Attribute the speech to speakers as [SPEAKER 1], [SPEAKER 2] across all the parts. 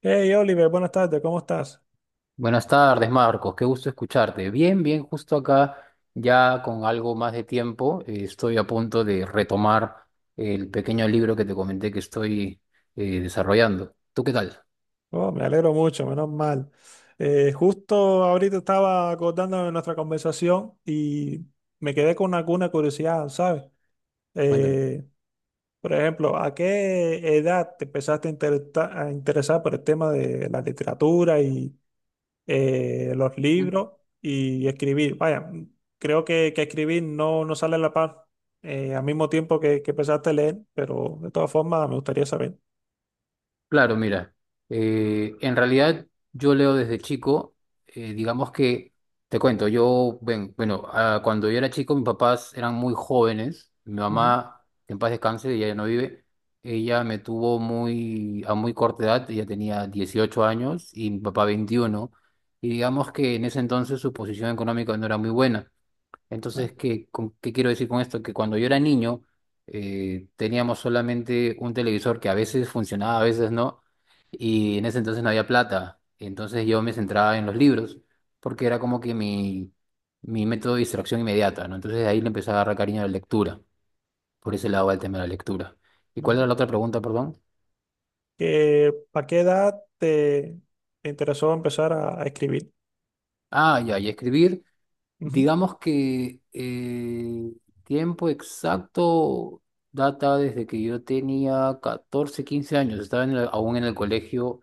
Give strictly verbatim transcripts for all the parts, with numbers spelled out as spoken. [SPEAKER 1] Hey Oliver, buenas tardes, ¿cómo estás?
[SPEAKER 2] Buenas tardes, Marcos. Qué gusto escucharte. Bien, bien, justo acá, ya con algo más de tiempo, eh, estoy a punto de retomar el pequeño libro que te comenté que estoy eh, desarrollando. ¿Tú qué tal?
[SPEAKER 1] Oh, me alegro mucho, menos mal. Eh, justo ahorita estaba acordando de nuestra conversación y me quedé con alguna curiosidad, ¿sabes?
[SPEAKER 2] Cuéntame.
[SPEAKER 1] Eh, por ejemplo, ¿a qué edad te empezaste a, intereta- a interesar por el tema de la literatura y eh, los libros y escribir? Vaya, creo que, que escribir no, no sale a la par eh, al mismo tiempo que, que empezaste a leer, pero de todas formas me gustaría saber.
[SPEAKER 2] Claro, mira, eh, en realidad yo leo desde chico. eh, digamos que, te cuento, yo, ven- bueno, ah, cuando yo era chico mis papás eran muy jóvenes, mi
[SPEAKER 1] Ujú.
[SPEAKER 2] mamá, en paz descanse, ella ya no vive. Ella me tuvo muy, a muy corta edad. Ella tenía dieciocho años y mi papá veintiuno, y digamos que en ese entonces su posición económica no era muy buena.
[SPEAKER 1] Ah,
[SPEAKER 2] Entonces, ¿qué, con- qué quiero decir con esto? Que cuando yo era niño, eh, teníamos solamente un televisor que a veces funcionaba, a veces no, y en ese entonces no había plata. Entonces yo me centraba en los libros, porque era como que mi, mi método de distracción inmediata, ¿no? Entonces de ahí le empecé a agarrar cariño a la lectura, por ese lado al tema de la lectura. ¿Y cuál era
[SPEAKER 1] vale.
[SPEAKER 2] la otra pregunta, perdón?
[SPEAKER 1] Eh, ¿para qué edad te te interesó empezar a, a escribir?
[SPEAKER 2] Ah, ya, y escribir.
[SPEAKER 1] Ujú.
[SPEAKER 2] Digamos que eh, tiempo exacto data desde que yo tenía catorce quince años. Estaba en el- aún en el colegio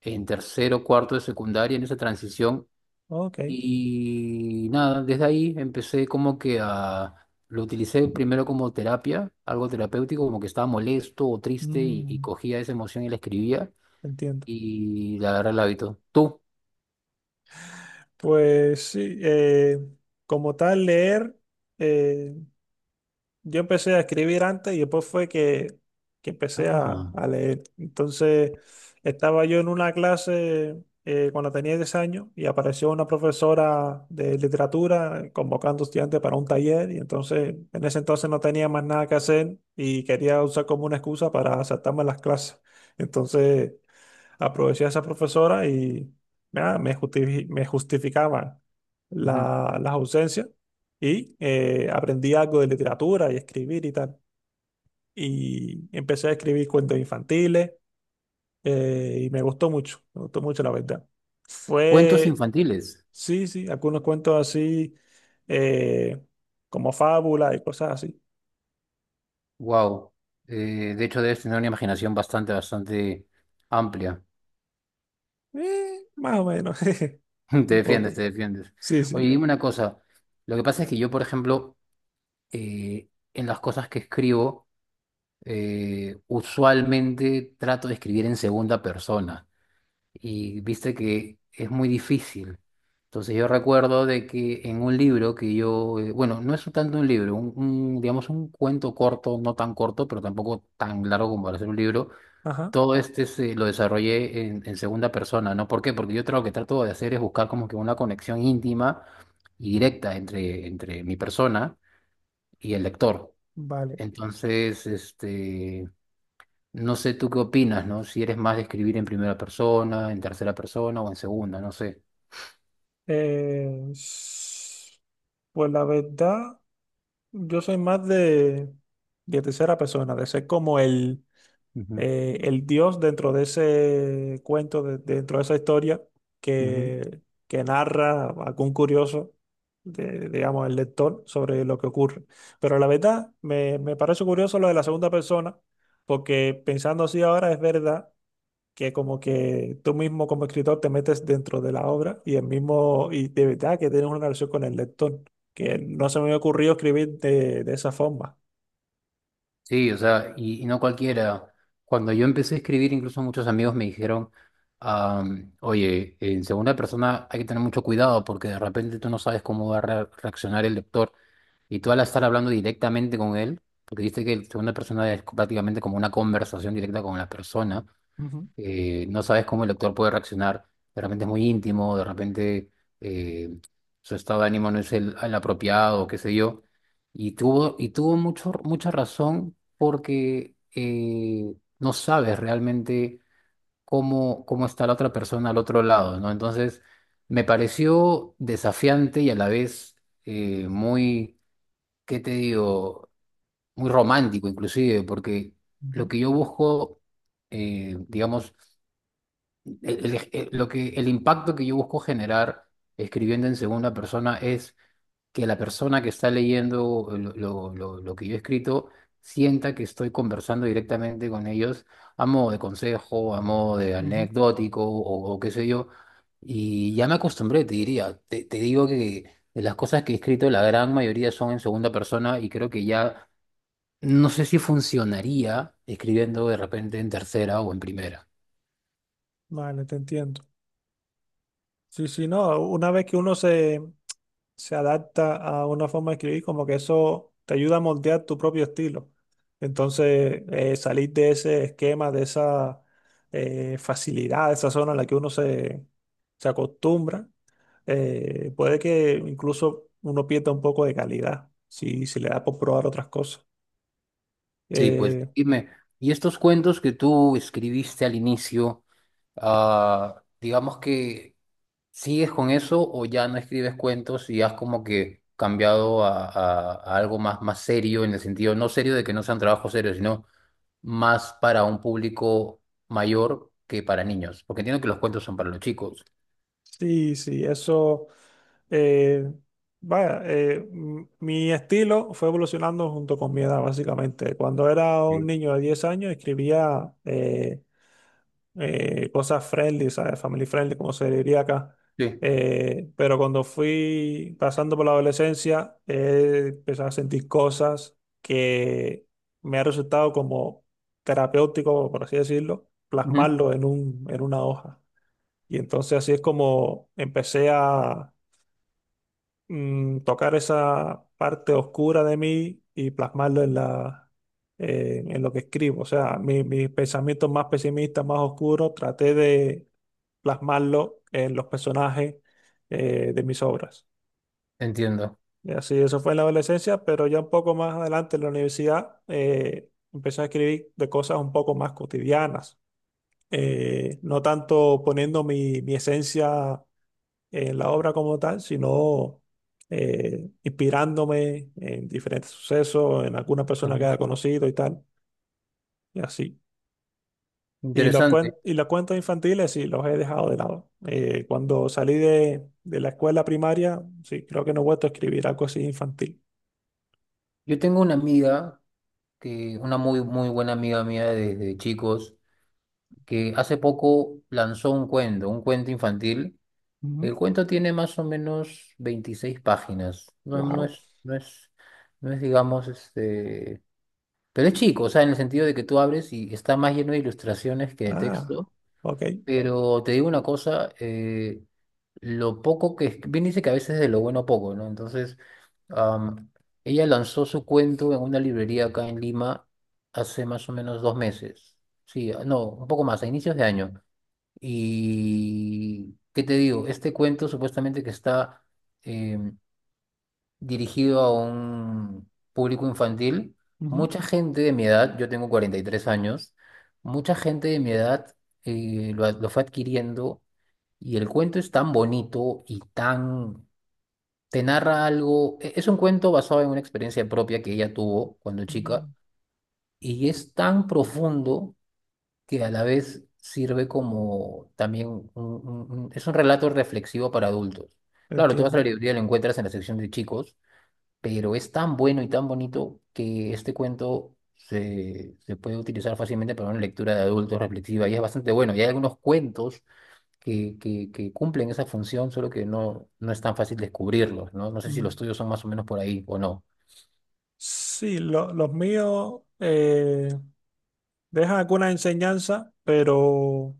[SPEAKER 2] en tercero, cuarto de secundaria, en esa transición.
[SPEAKER 1] Ok.
[SPEAKER 2] Y nada, desde ahí empecé como que a... Lo utilicé primero como terapia, algo terapéutico, como que estaba molesto o triste y, y
[SPEAKER 1] Mm,
[SPEAKER 2] cogía esa emoción y la escribía
[SPEAKER 1] entiendo.
[SPEAKER 2] y le agarré el hábito. Tú.
[SPEAKER 1] Pues sí, eh, como tal, leer, eh, yo empecé a escribir antes y después fue que, que empecé
[SPEAKER 2] Ah.
[SPEAKER 1] a, a leer. Entonces, estaba yo en una clase eh, cuando tenía diez años y apareció una profesora de literatura convocando estudiantes para un taller y entonces en ese entonces no tenía más nada que hacer y quería usar como una excusa para saltarme las clases. Entonces, aproveché a esa profesora y nada, me justifi- me justificaban
[SPEAKER 2] Ujú.
[SPEAKER 1] la- las ausencias y eh, aprendí algo de literatura y escribir y tal. Y empecé a escribir cuentos infantiles eh, y me gustó mucho, me gustó mucho la verdad.
[SPEAKER 2] Cuentos
[SPEAKER 1] Fue,
[SPEAKER 2] infantiles.
[SPEAKER 1] sí, sí, algunos cuentos así eh, como fábula y cosas así.
[SPEAKER 2] Wow. De hecho, debes tener una imaginación bastante, bastante amplia.
[SPEAKER 1] Eh, más o menos,
[SPEAKER 2] Te
[SPEAKER 1] un
[SPEAKER 2] defiendes,
[SPEAKER 1] poco.
[SPEAKER 2] te defiendes.
[SPEAKER 1] Sí,
[SPEAKER 2] Oye,
[SPEAKER 1] sí.
[SPEAKER 2] dime una cosa. Lo que pasa es que yo, por ejemplo, eh, en las cosas que escribo, eh, usualmente trato de escribir en segunda persona. Y viste que es muy difícil. Entonces yo recuerdo de que en un libro que yo, eh, bueno, no es tanto un libro, un, un, digamos un cuento corto, no tan corto, pero tampoco tan largo como para ser un libro,
[SPEAKER 1] Ajá,
[SPEAKER 2] todo este se lo desarrollé en, en segunda persona, ¿no? ¿Por qué? Porque yo tra- lo que trato de hacer es buscar como que una conexión íntima y directa entre, entre mi persona y el lector.
[SPEAKER 1] vale.
[SPEAKER 2] Entonces, este, no sé tú qué opinas, ¿no? Si eres más de escribir en primera persona, en tercera persona o en segunda, no sé.
[SPEAKER 1] Eh, s- pues la verdad, yo soy más de, de tercera persona, de ser como el,
[SPEAKER 2] Ujú,
[SPEAKER 1] eh, el dios dentro de ese cuento, de- dentro de esa historia
[SPEAKER 2] ujú.
[SPEAKER 1] que, que narra algún curioso, de- digamos, el lector sobre lo que ocurre. Pero la verdad, me, me parece curioso lo de la segunda persona, porque pensando así ahora es verdad que como que tú mismo como escritor te metes dentro de la obra y el mismo, y de verdad que tienes una relación con el lector, que no se me había ocurrido escribir de, de esa forma.
[SPEAKER 2] Sí, o sea, y, y no cualquiera. Cuando yo empecé a escribir, incluso muchos amigos me dijeron, am, oye, en segunda persona hay que tener mucho cuidado porque de repente tú no sabes cómo va a re- reaccionar el lector, y tú al estar hablando directamente con él, porque dice que en segunda persona es prácticamente como una conversación directa con la persona,
[SPEAKER 1] Ujú,
[SPEAKER 2] eh, no sabes cómo el actor puede reaccionar. De repente es muy íntimo, de repente eh, su estado de ánimo no es el, el apropiado, qué sé yo. Y tuvo, y tuvo mucho, mucha razón porque eh, no sabes realmente cómo, cómo está la otra persona al otro lado, ¿no? Entonces, me pareció desafiante y a la vez eh, muy, ¿qué te digo? Muy romántico inclusive, porque lo
[SPEAKER 1] ujú,
[SPEAKER 2] que yo busco, eh, digamos, el, el- el- lo que, el impacto que yo busco generar escribiendo en segunda persona es que la persona que está leyendo lo, lo- lo- lo que yo he escrito sienta que estoy conversando directamente con ellos a modo de consejo, a modo de
[SPEAKER 1] ujú.
[SPEAKER 2] anecdótico o, o qué sé yo. Y ya me acostumbré, te diría. Te, te digo que de las cosas que he escrito, la gran mayoría son en segunda persona y creo que ya no sé si funcionaría escribiendo de repente en tercera o en primera.
[SPEAKER 1] Vale, te entiendo. Sí, sí, no, una vez que uno se, se adapta a una forma de escribir, como que eso te ayuda a moldear tu propio estilo. Entonces, eh, salir de ese esquema, de esa eh, facilidad, de esa zona en la que uno se, se acostumbra eh, puede que incluso uno pierda un poco de calidad si, si le da por probar otras cosas.
[SPEAKER 2] Sí, pues
[SPEAKER 1] Eh,
[SPEAKER 2] dime, y estos cuentos que tú escribiste al inicio, ah, digamos que, ¿sigues con eso o ya no escribes cuentos y has como que cambiado a, a- a algo más, más serio, en el sentido, no serio de que no sean trabajos serios, sino más para un público mayor que para niños? Porque entiendo que los cuentos son para los chicos.
[SPEAKER 1] sí, sí, eso. eh, Vaya, eh, m- mi estilo fue evolucionando junto con mi edad, básicamente. Cuando era un
[SPEAKER 2] Sí.
[SPEAKER 1] niño de diez años, escribía eh, eh, cosas friendly, ¿sabes? Family friendly, como se diría acá.
[SPEAKER 2] Sí.
[SPEAKER 1] Eh, pero cuando fui pasando por la adolescencia, he empezado a sentir cosas que me ha resultado como terapéutico, por así decirlo,
[SPEAKER 2] Ujú.
[SPEAKER 1] plasmarlo en un, en una hoja. Y entonces así es como empecé a mm, tocar esa parte oscura de mí y plasmarlo en la, eh, en lo que escribo. O sea, mi- mis pensamientos más pesimistas, más oscuros, traté de plasmarlo en los personajes eh, de mis obras.
[SPEAKER 2] Entiendo.
[SPEAKER 1] Y así, eso fue en la adolescencia, pero ya un poco más adelante en la universidad eh, empecé a escribir de cosas un poco más cotidianas, eh, no tanto poniendo mi, mi esencia en la obra como tal, sino eh, inspirándome en diferentes sucesos, en alguna persona que haya
[SPEAKER 2] Ujú.
[SPEAKER 1] conocido y tal, y así. Y los, cuen-
[SPEAKER 2] Interesante.
[SPEAKER 1] y los cuentos infantiles sí, los he dejado de lado. Eh, cuando salí de, de la escuela primaria, sí, creo que no he vuelto a escribir algo así infantil.
[SPEAKER 2] Yo tengo una amiga, que, una muy, muy buena amiga mía desde chicos, que hace poco lanzó un cuento, un cuento infantil.
[SPEAKER 1] Ujú.
[SPEAKER 2] El cuento tiene más o menos veintiséis páginas. No, no
[SPEAKER 1] Wow.
[SPEAKER 2] es, no es, no es, digamos, este. Pero es chico, o sea, en el sentido de que tú abres y está más lleno de ilustraciones que de
[SPEAKER 1] Ah,
[SPEAKER 2] texto.
[SPEAKER 1] ok.
[SPEAKER 2] Pero te digo una cosa, eh, lo poco que... es- Bien dice que a veces de lo bueno poco, ¿no? Entonces, am, ella lanzó su cuento en una librería acá en Lima hace más o menos dos meses. Sí, no, un poco más, a inicios de año. Y, ¿qué te digo? Este cuento supuestamente que está eh, dirigido a un público infantil,
[SPEAKER 1] Ujú.
[SPEAKER 2] mucha gente de mi edad, yo tengo cuarenta y tres años, mucha gente de mi edad eh, lo, ad- lo fue adquiriendo, y el cuento es tan bonito y tan... Te narra algo, e- es un cuento basado en una experiencia propia que ella tuvo cuando chica,
[SPEAKER 1] Mm,
[SPEAKER 2] y es tan profundo que a la vez sirve como también un- un- un- es un relato reflexivo para adultos. Claro, tú vas a la
[SPEAKER 1] entiendo.
[SPEAKER 2] librería y lo encuentras en la sección de chicos, pero es tan bueno y tan bonito que este cuento se, se puede utilizar fácilmente para una lectura de adultos reflexiva y es bastante bueno. Y hay algunos cuentos que, que, que cumplen esa función, solo que no, no es tan fácil descubrirlos, ¿no? No sé si los
[SPEAKER 1] Mm.
[SPEAKER 2] tuyos son más o menos por ahí o no.
[SPEAKER 1] Sí, lo- los míos eh, dejan alguna enseñanza, pero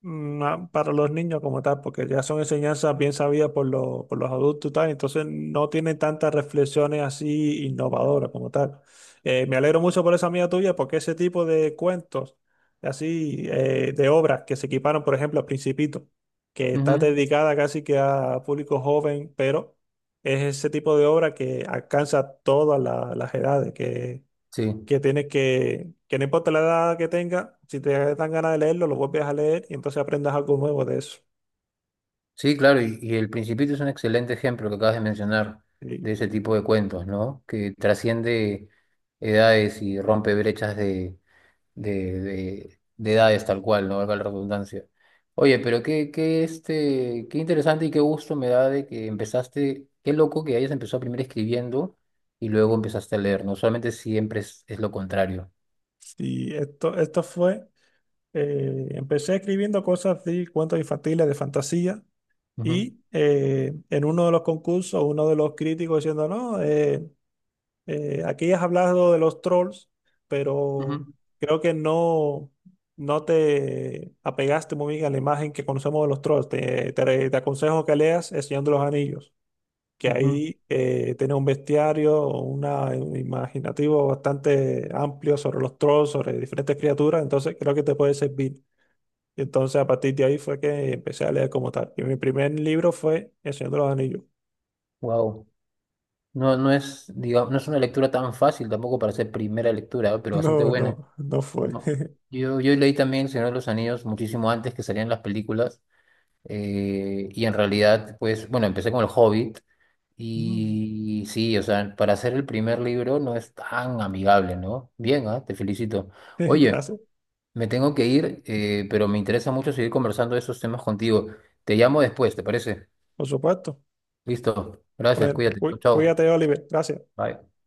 [SPEAKER 1] no, para los niños como tal, porque ya son enseñanzas bien sabidas por, lo- por los adultos y tal, entonces no tienen tantas reflexiones así
[SPEAKER 2] Ujú.
[SPEAKER 1] innovadoras como tal. Eh, me alegro mucho por esa amiga tuya, porque ese tipo de cuentos, así, eh, de obras que se equiparon, por ejemplo, al Principito, que está
[SPEAKER 2] Ujú,
[SPEAKER 1] dedicada casi que a público joven, pero es ese tipo de obra que alcanza todas la- las edades, que
[SPEAKER 2] sí.
[SPEAKER 1] que tienes que, que no importa la edad que tenga, si te dan ganas de leerlo, lo vuelves a leer y entonces aprendas algo nuevo de eso.
[SPEAKER 2] Sí, claro, y, y El Principito es un excelente ejemplo que acabas de mencionar
[SPEAKER 1] Y,
[SPEAKER 2] de ese tipo de cuentos, ¿no? Que trasciende edades y rompe brechas de, de, de- de edades tal cual, no valga la redundancia. Oye, pero qué, qué, este, qué interesante y qué gusto me da de que empezaste, qué loco que hayas empezado primero escribiendo y luego empezaste a leer, ¿no? Solamente siempre es, es lo contrario.
[SPEAKER 1] y esto, esto fue, eh, Empecé escribiendo cosas de cuentos infantiles, de fantasía, y eh, en uno de los concursos, uno de los críticos diciendo, no, eh, eh, aquí has hablado de los trolls, pero creo que no... no te apegaste muy bien a la imagen que conocemos de los trolls. Te, te, te aconsejo que leas El Señor de los Anillos, que ahí eh, tiene un bestiario, una, un imaginativo bastante amplio sobre los trolls, sobre diferentes criaturas, entonces creo que te puede servir. Y entonces a partir de ahí fue que empecé a leer como tal. Y mi primer libro fue El Señor de los Anillos.
[SPEAKER 2] Wow. No, no es, digamos, no es una lectura tan fácil tampoco para ser primera lectura, ¿no? Pero bastante
[SPEAKER 1] No,
[SPEAKER 2] buena.
[SPEAKER 1] no, no fue.
[SPEAKER 2] No. Yo, yo leí también El Señor de los Anillos muchísimo antes que salían las películas. eh, y en realidad, pues, bueno, empecé con El Hobbit.
[SPEAKER 1] Mm.
[SPEAKER 2] Y sí, o sea, para hacer el primer libro no es tan amigable, ¿no? Bien, ah, te felicito. Oye,
[SPEAKER 1] Gracias,
[SPEAKER 2] me tengo que ir, eh, pero me interesa mucho seguir conversando de esos temas contigo. Te llamo después, ¿te parece?
[SPEAKER 1] por supuesto.
[SPEAKER 2] Listo. Gracias,
[SPEAKER 1] Bueno,
[SPEAKER 2] cuídate.
[SPEAKER 1] cuí-
[SPEAKER 2] Chao.
[SPEAKER 1] cuídate, Oliver. Gracias.
[SPEAKER 2] Bye.